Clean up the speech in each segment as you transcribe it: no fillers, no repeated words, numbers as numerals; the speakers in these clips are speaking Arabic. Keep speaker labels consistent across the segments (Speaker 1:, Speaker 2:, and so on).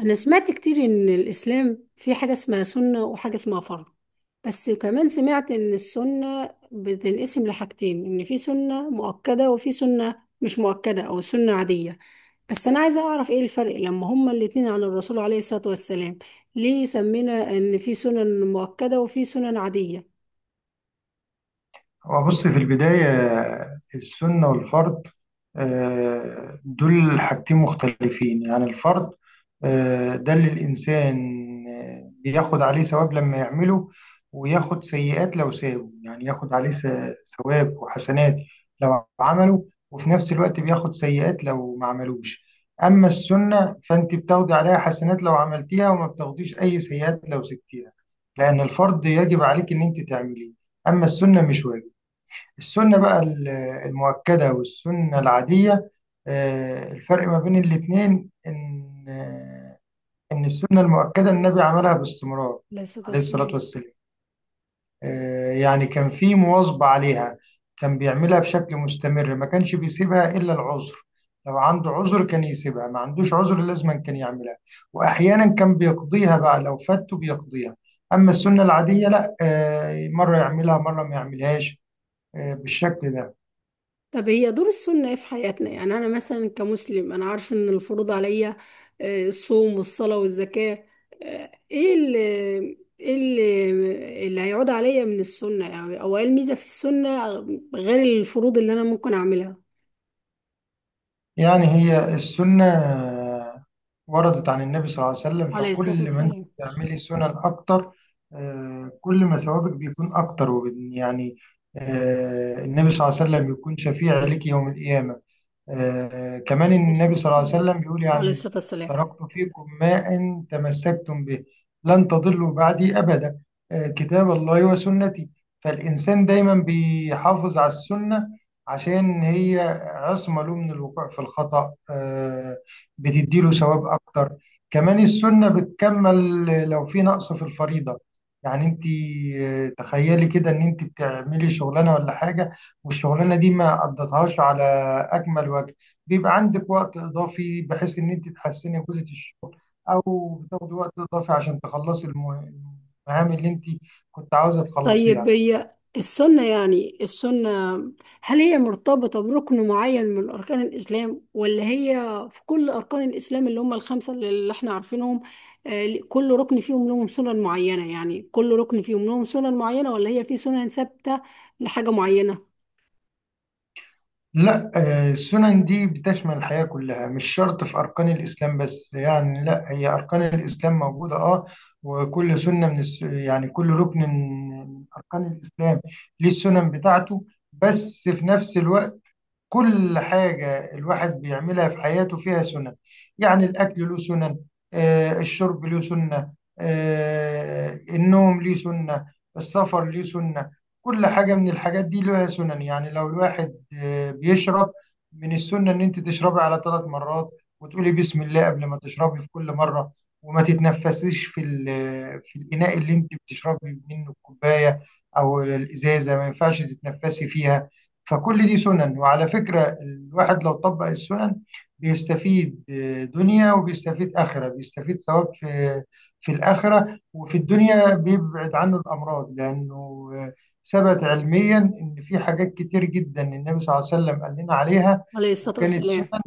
Speaker 1: أنا سمعت كتير إن الإسلام في حاجة اسمها سنة وحاجة اسمها فرض. بس كمان سمعت إن السنة بتنقسم لحاجتين، إن في سنة مؤكدة وفي سنة مش مؤكدة أو سنة عادية. بس أنا عايزة أعرف إيه الفرق لما هما الاتنين عن الرسول عليه الصلاة والسلام. ليه سمينا إن في سنن مؤكدة وفي سنن عادية؟
Speaker 2: هو بص في البداية، السنة والفرض. دول حاجتين مختلفين، يعني الفرض ده اللي الإنسان بياخد عليه ثواب لما يعمله، وياخد سيئات لو سابه، يعني ياخد عليه ثواب وحسنات لو عمله، وفي نفس الوقت بياخد سيئات لو ما عملوش. أما السنة فأنت بتاخدي عليها حسنات لو عملتيها وما بتاخديش أي سيئات لو سبتيها، لأن الفرض يجب عليك إن أنت تعمليه، أما السنة مش واجب. السنة بقى المؤكدة والسنة العادية، الفرق ما بين الاتنين إن السنة المؤكدة النبي عملها باستمرار،
Speaker 1: عليه الصلاة
Speaker 2: عليه الصلاة
Speaker 1: والسلام.
Speaker 2: والسلام. يعني كان في مواظبة عليها، كان بيعملها بشكل مستمر، ما كانش بيسيبها إلا العذر، لو عنده عذر كان يسيبها، ما عندوش عذر لازما كان يعملها، وأحيانا كان بيقضيها بقى، لو فاته بيقضيها. أما السنة العادية لا، مرة يعملها مرة ما يعملهاش، بالشكل ده.
Speaker 1: طب هي دور السنة ايه في حياتنا؟ يعني انا مثلا كمسلم انا عارفه ان الفروض عليا، الصوم والصلاة والزكاة. آه، ايه اللي ايه اللي هيعود عليا من السنة؟ يعني او ايه الميزة في السنة غير الفروض اللي انا ممكن اعملها؟
Speaker 2: يعني هي السنة وردت عن النبي صلى الله عليه وسلم،
Speaker 1: عليه الصلاة
Speaker 2: فكل ما انت
Speaker 1: والسلام.
Speaker 2: بتعملي سنن اكتر، كل ما ثوابك بيكون اكتر، يعني النبي صلى الله عليه وسلم بيكون شفيع لك يوم القيامة. كمان
Speaker 1: عليه
Speaker 2: النبي
Speaker 1: الصلاة
Speaker 2: صلى الله عليه
Speaker 1: والسلام.
Speaker 2: وسلم بيقول،
Speaker 1: عليه
Speaker 2: يعني
Speaker 1: الصلاة والسلام.
Speaker 2: تركت فيكم ما إن تمسكتم به لن تضلوا بعدي أبدا، كتاب الله وسنتي. فالإنسان دايما بيحافظ على السنة عشان هي عصمة له من الوقوع في الخطأ، بتديله ثواب أكتر. كمان السنة بتكمل لو في نقص في الفريضة، يعني انت تخيلي كده ان انت بتعملي شغلانه ولا حاجه، والشغلانه دي ما قضتهاش على اكمل وجه، بيبقى عندك وقت اضافي بحيث ان انت تحسني جوده الشغل، او بتاخدي وقت اضافي عشان تخلصي المهام اللي انت كنت عاوزه تخلصيها.
Speaker 1: طيب، هي السنة يعني السنة هل هي مرتبطة بركن معين من أركان الإسلام، ولا هي في كل أركان الإسلام اللي هم الخمسة اللي احنا عارفينهم؟ كل ركن فيهم لهم سنن معينة، يعني كل ركن فيهم لهم سنن معينة، ولا هي في سنن ثابتة لحاجة معينة؟
Speaker 2: لا، السنن دي بتشمل الحياه كلها، مش شرط في اركان الاسلام بس، يعني لا، هي اركان الاسلام موجوده، وكل سنه يعني كل ركن من اركان الاسلام ليه السنن بتاعته، بس في نفس الوقت كل حاجة الواحد بيعملها في حياته فيها سنن. يعني الأكل له سنن، الشرب له سنة، النوم له سنة، السفر له سنة. كل حاجة من الحاجات دي لها سنن، يعني لو الواحد بيشرب، من السنة إن أنت تشربي على ثلاث مرات، وتقولي بسم الله قبل ما تشربي في كل مرة، وما تتنفسيش في الإناء اللي أنت بتشربي منه، الكوباية أو الإزازة، ما ينفعش تتنفسي فيها. فكل دي سنن، وعلى فكرة الواحد لو طبق السنن بيستفيد دنيا، وبيستفيد آخرة، بيستفيد ثواب في الآخرة، وفي الدنيا بيبعد عنه الأمراض، لأنه ثبت علميا إن في حاجات كتير جدا النبي صلى الله عليه وسلم قال لنا عليها
Speaker 1: عليه الصلاة
Speaker 2: وكانت سنن،
Speaker 1: والسلام.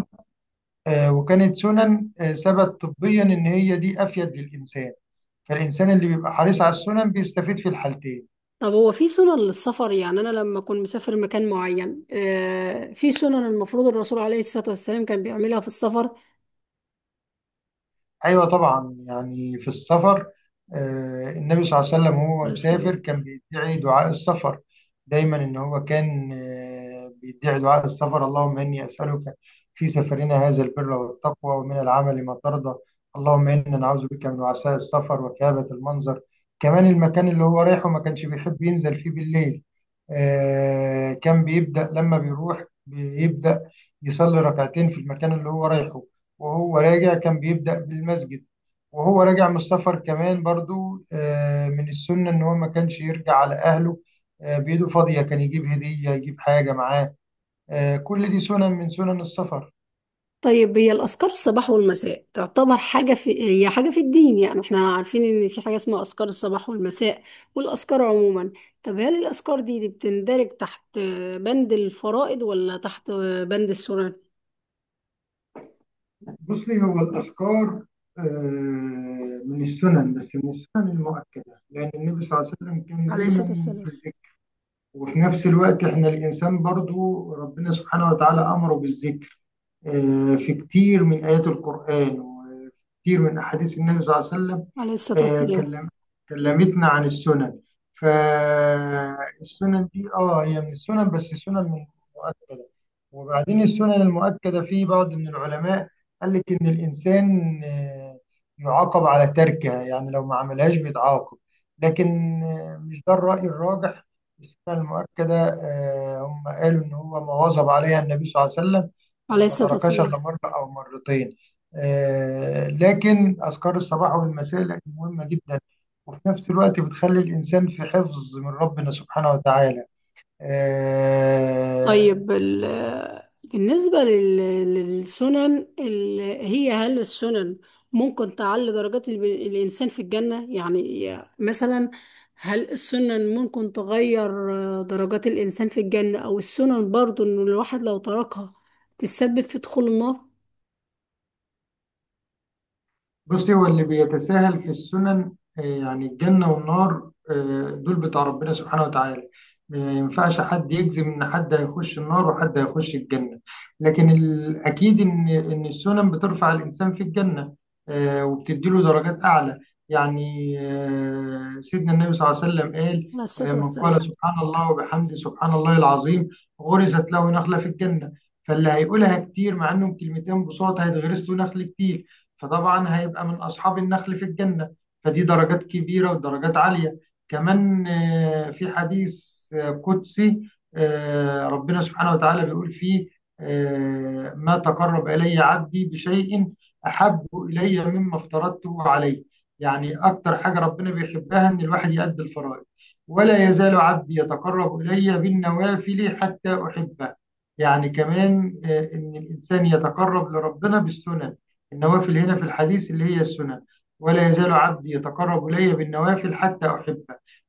Speaker 2: ثبت طبيا إن هي دي أفيد للإنسان. فالإنسان اللي بيبقى حريص على السنن بيستفيد في الحالتين.
Speaker 1: طب هو في سنن للسفر؟ يعني أنا لما أكون مسافر مكان معين، في سنن المفروض الرسول عليه الصلاة والسلام كان بيعملها في السفر.
Speaker 2: ايوه طبعا، يعني في السفر، النبي صلى الله عليه وسلم وهو
Speaker 1: عليه
Speaker 2: مسافر
Speaker 1: السلام.
Speaker 2: كان بيدعي دعاء السفر دايما، ان هو كان بيدعي دعاء السفر: اللهم اني اسالك في سفرنا هذا البر والتقوى ومن العمل ما ترضى، اللهم انا نعوذ بك من وعثاء السفر وكآبة المنظر. كمان المكان اللي هو رايحه ما كانش بيحب ينزل فيه بالليل، كان بيبدأ لما بيروح، بيبدأ يصلي ركعتين في المكان اللي هو رايحه، وهو راجع كان بيبدأ بالمسجد. وهو راجع من السفر كمان برضو، من السنة إن هو ما كانش يرجع على أهله بإيده فاضية، كان يجيب هدية، يجيب حاجة معاه. كل دي سنن من سنن السفر.
Speaker 1: طيب، هي الأذكار الصباح والمساء تعتبر حاجة في هي حاجة في الدين؟ يعني احنا عارفين إن في حاجة اسمها أذكار الصباح والمساء والأذكار عموما. طب هل الأذكار دي بتندرج تحت بند الفرائض ولا تحت بند السنن؟
Speaker 2: بصي، هو الأذكار من السنن، بس من السنن المؤكدة، لأن النبي صلى الله عليه وسلم كان
Speaker 1: عليه الصلاة
Speaker 2: دايما
Speaker 1: والسلام.
Speaker 2: في الذكر، وفي نفس الوقت إحنا الإنسان برضو ربنا سبحانه وتعالى أمره بالذكر في كتير من آيات القرآن، وفي كتير من أحاديث النبي صلى الله عليه وسلم
Speaker 1: عليه الصلاة
Speaker 2: آه،
Speaker 1: والسلام.
Speaker 2: كلم كلمتنا عن السنن. فالسنن دي هي من السنن، بس سنن مؤكدة. وبعدين السنن المؤكدة في بعض من العلماء قال لك إن الإنسان يعاقب على تركها، يعني لو ما عملهاش بيتعاقب. لكن مش ده الرأي الراجح. السنن المؤكدة هم قالوا إن هو ما واظب عليها النبي صلى الله عليه وسلم،
Speaker 1: عليه
Speaker 2: وما
Speaker 1: الصلاة
Speaker 2: تركش
Speaker 1: والسلام.
Speaker 2: إلا مرة أو مرتين. لكن أذكار الصباح والمساء لا، مهمة جدا، وفي نفس الوقت بتخلي الإنسان في حفظ من ربنا سبحانه وتعالى. آه،
Speaker 1: طيب، بالنسبة للسنن هي هل السنن ممكن تعلي درجات الإنسان في الجنة؟ يعني مثلا هل السنن ممكن تغير درجات الإنسان في الجنة، أو السنن برضو إن الواحد لو تركها تسبب في دخول النار؟
Speaker 2: بصي، هو اللي بيتساهل في السنن يعني الجنة والنار دول بتاع ربنا سبحانه وتعالى، ما ينفعش حد يجزم ان حد هيخش النار وحد هيخش الجنة، لكن الاكيد ان السنن بترفع الانسان في الجنة، وبتديله درجات اعلى. يعني سيدنا النبي صلى الله عليه وسلم قال
Speaker 1: على الصلاة
Speaker 2: من قال
Speaker 1: والسلام.
Speaker 2: سبحان الله وبحمده سبحان الله العظيم، غرست له نخلة في الجنة. فاللي هيقولها كتير، مع انهم كلمتين بساطة، هيتغرس له نخل كتير، فطبعا هيبقى من أصحاب النخل في الجنة، فدي درجات كبيرة ودرجات عالية. كمان في حديث قدسي، ربنا سبحانه وتعالى بيقول فيه: ما تقرب إلي عبدي بشيء أحب إلي مما افترضته عليه، يعني أكتر حاجة ربنا بيحبها إن الواحد يأدي الفرائض. ولا يزال عبدي يتقرب إلي بالنوافل حتى أحبه، يعني كمان إن الإنسان يتقرب لربنا بالسنن، النوافل هنا في الحديث اللي هي السنن. ولا يزال عبدي يتقرب إلي بالنوافل حتى أحبه،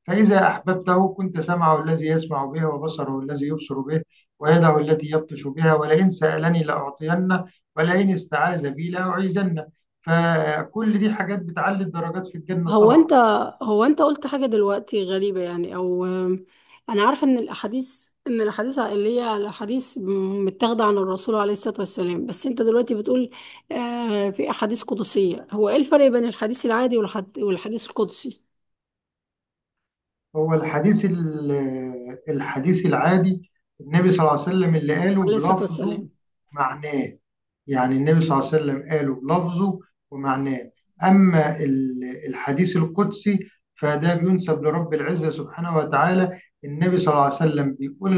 Speaker 2: فإذا أحببته كنت سمعه الذي يسمع به، وبصره الذي يبصر به، ويده التي يبطش بها، ولئن سألني لأعطينه، ولئن استعاذ بي لأعيذنه. فكل دي حاجات بتعلي الدرجات في الجنة
Speaker 1: هو
Speaker 2: طبعا.
Speaker 1: انت هو انت قلت حاجة دلوقتي غريبة؟ يعني او انا عارفة ان الاحاديث عائلية الاحاديث متاخدة عن الرسول عليه الصلاة والسلام، بس انت دلوقتي بتقول في احاديث قدسية. هو ايه الفرق بين الحديث العادي والحديث القدسي؟
Speaker 2: هو الحديث الحديث العادي، النبي صلى الله عليه وسلم اللي قاله
Speaker 1: عليه الصلاة
Speaker 2: بلفظه،
Speaker 1: والسلام.
Speaker 2: معناه، يعني النبي صلى الله عليه وسلم قاله بلفظه ومعناه. أما الحديث القدسي، فده بينسب لرب العزة سبحانه وتعالى، النبي صلى الله عليه وسلم بيقول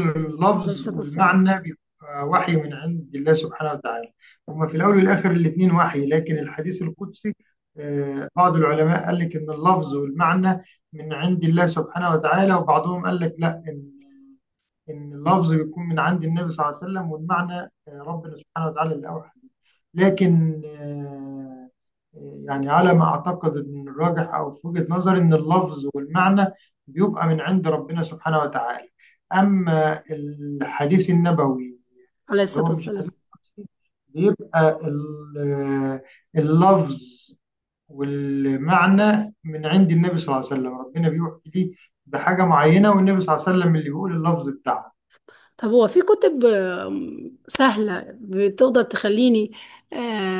Speaker 1: عليه
Speaker 2: اللفظ،
Speaker 1: الصلاة والسلام.
Speaker 2: والمعنى بيبقى وحي من عند الله سبحانه وتعالى. هما في الأول والآخر الاتنين وحي، لكن الحديث القدسي بعض العلماء قال لك إن اللفظ والمعنى من عند الله سبحانه وتعالى، وبعضهم قال لك لا، إن اللفظ بيكون من عند النبي صلى الله عليه وسلم، والمعنى ربنا سبحانه وتعالى اللي أوحى به. لكن يعني على ما أعتقد إن الراجح، أو في وجهة نظري، إن اللفظ والمعنى بيبقى من عند ربنا سبحانه وتعالى. أما الحديث النبوي
Speaker 1: عليه
Speaker 2: اللي
Speaker 1: الصلاة
Speaker 2: هو مش
Speaker 1: والسلام.
Speaker 2: حديث شخصي، بيبقى اللفظ والمعنى من عند النبي صلى الله عليه وسلم، ربنا بيوحي لي بحاجة معينة، والنبي صلى الله عليه وسلم اللي بيقول اللفظ بتاعها.
Speaker 1: طب هو في كتب سهلة بتقدر تخليني آه،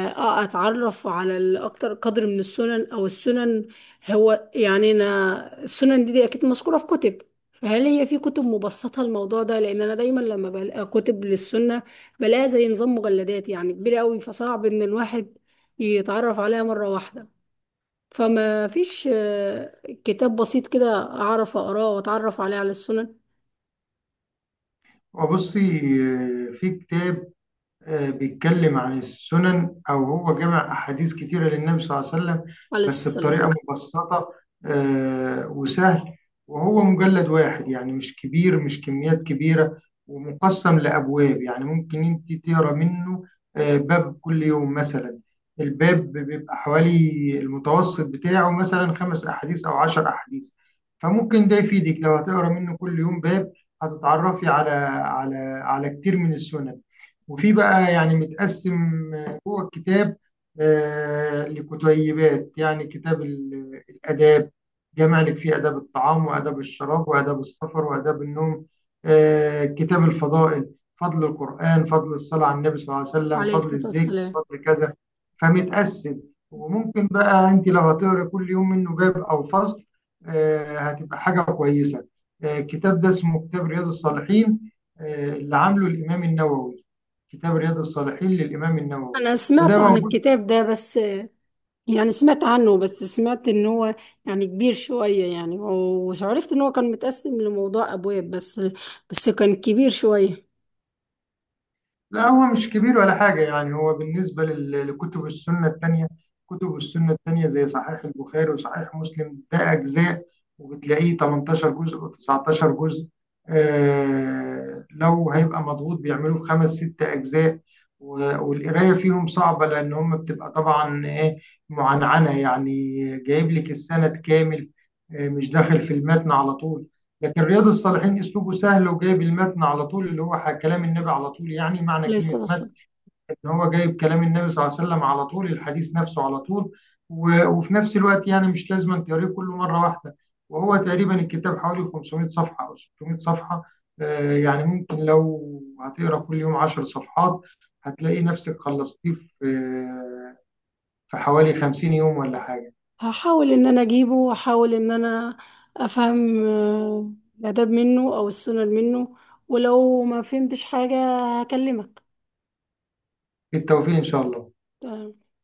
Speaker 1: أتعرف على الأكتر قدر من السنن؟ أو السنن هو يعني أنا السنن دي أكيد مذكورة في كتب. فهل هي في كتب مبسطة الموضوع ده؟ لأن أنا دايما لما بلاقي كتب للسنة بلاقيها زي نظام مجلدات، يعني كبيرة أوي، فصعب إن الواحد يتعرف عليها مرة واحدة. فما فيش كتاب بسيط كده أعرف أقراه وأتعرف عليه على السنن؟
Speaker 2: وبصي، في كتاب بيتكلم عن السنن، أو هو جمع أحاديث كتيرة للنبي صلى الله عليه وسلم،
Speaker 1: عليه
Speaker 2: بس
Speaker 1: الصلاة.
Speaker 2: بطريقة مبسطة، وسهل، وهو مجلد واحد، يعني مش كبير، مش كميات كبيرة، ومقسم لأبواب، يعني ممكن أنت تقرأ منه باب كل يوم مثلا، الباب بيبقى حوالي، المتوسط بتاعه مثلا خمس أحاديث أو 10 أحاديث، فممكن ده يفيدك لو هتقرأ منه كل يوم باب، هتتعرفي على كتير من السنن. وفي بقى يعني متقسم جوه الكتاب لكتيبات، يعني كتاب الآداب، جامع لك فيه آداب الطعام وآداب الشراب وآداب السفر وآداب النوم، كتاب الفضائل، فضل القرآن، فضل الصلاة على النبي صلى الله عليه وسلم،
Speaker 1: عليه
Speaker 2: فضل
Speaker 1: الصلاة
Speaker 2: الذكر،
Speaker 1: والسلام.
Speaker 2: فضل كذا. فمتقسم، وممكن بقى أنت لو هتقرأ كل يوم منه باب أو فصل، هتبقى حاجة كويسة. الكتاب ده اسمه كتاب رياض الصالحين، اللي عامله الإمام النووي، كتاب رياض الصالحين للإمام النووي.
Speaker 1: انا سمعت
Speaker 2: وده
Speaker 1: عن
Speaker 2: موجود.
Speaker 1: الكتاب ده. بس يعني سمعت عنه، بس سمعت ان هو يعني كبير شوية، يعني وعرفت ان هو كان متقسم لموضوع ابواب، بس كان كبير شوية.
Speaker 2: لا، هو مش كبير ولا حاجة، يعني هو بالنسبة لكتب السنة التانية، كتب السنة التانية زي صحيح البخاري وصحيح مسلم، ده أجزاء، وبتلاقيه 18 جزء و19 جزء، لو هيبقى مضغوط بيعملوه في خمس ست أجزاء. و- والقراية فيهم صعبة، لأن هم بتبقى طبعا إيه، معنعنة، يعني جايب لك السند كامل، مش داخل في المتن على طول. لكن رياض الصالحين اسلوبه سهل، وجايب المتن على طول، اللي هو كلام النبي على طول، يعني معنى
Speaker 1: عليه
Speaker 2: كلمة
Speaker 1: الصلاة
Speaker 2: متن
Speaker 1: والسلام.
Speaker 2: ان هو جايب كلام النبي صلى الله عليه وسلم على طول، الحديث نفسه على طول. و- وفي نفس الوقت يعني مش لازم أن تقريه كله مرة واحدة، وهو تقريبا الكتاب حوالي 500 صفحة او 600 صفحة، يعني ممكن لو هتقرا كل يوم 10 صفحات، هتلاقي نفسك خلصتيه في حوالي 50 يوم ولا حاجة.
Speaker 1: هحاول ان انا اجيبه واحاول ان انا افهم الاداب منه او السنن منه، ولو ما فهمتش حاجة هكلمك.
Speaker 2: بالتوفيق ان شاء الله.
Speaker 1: تمام.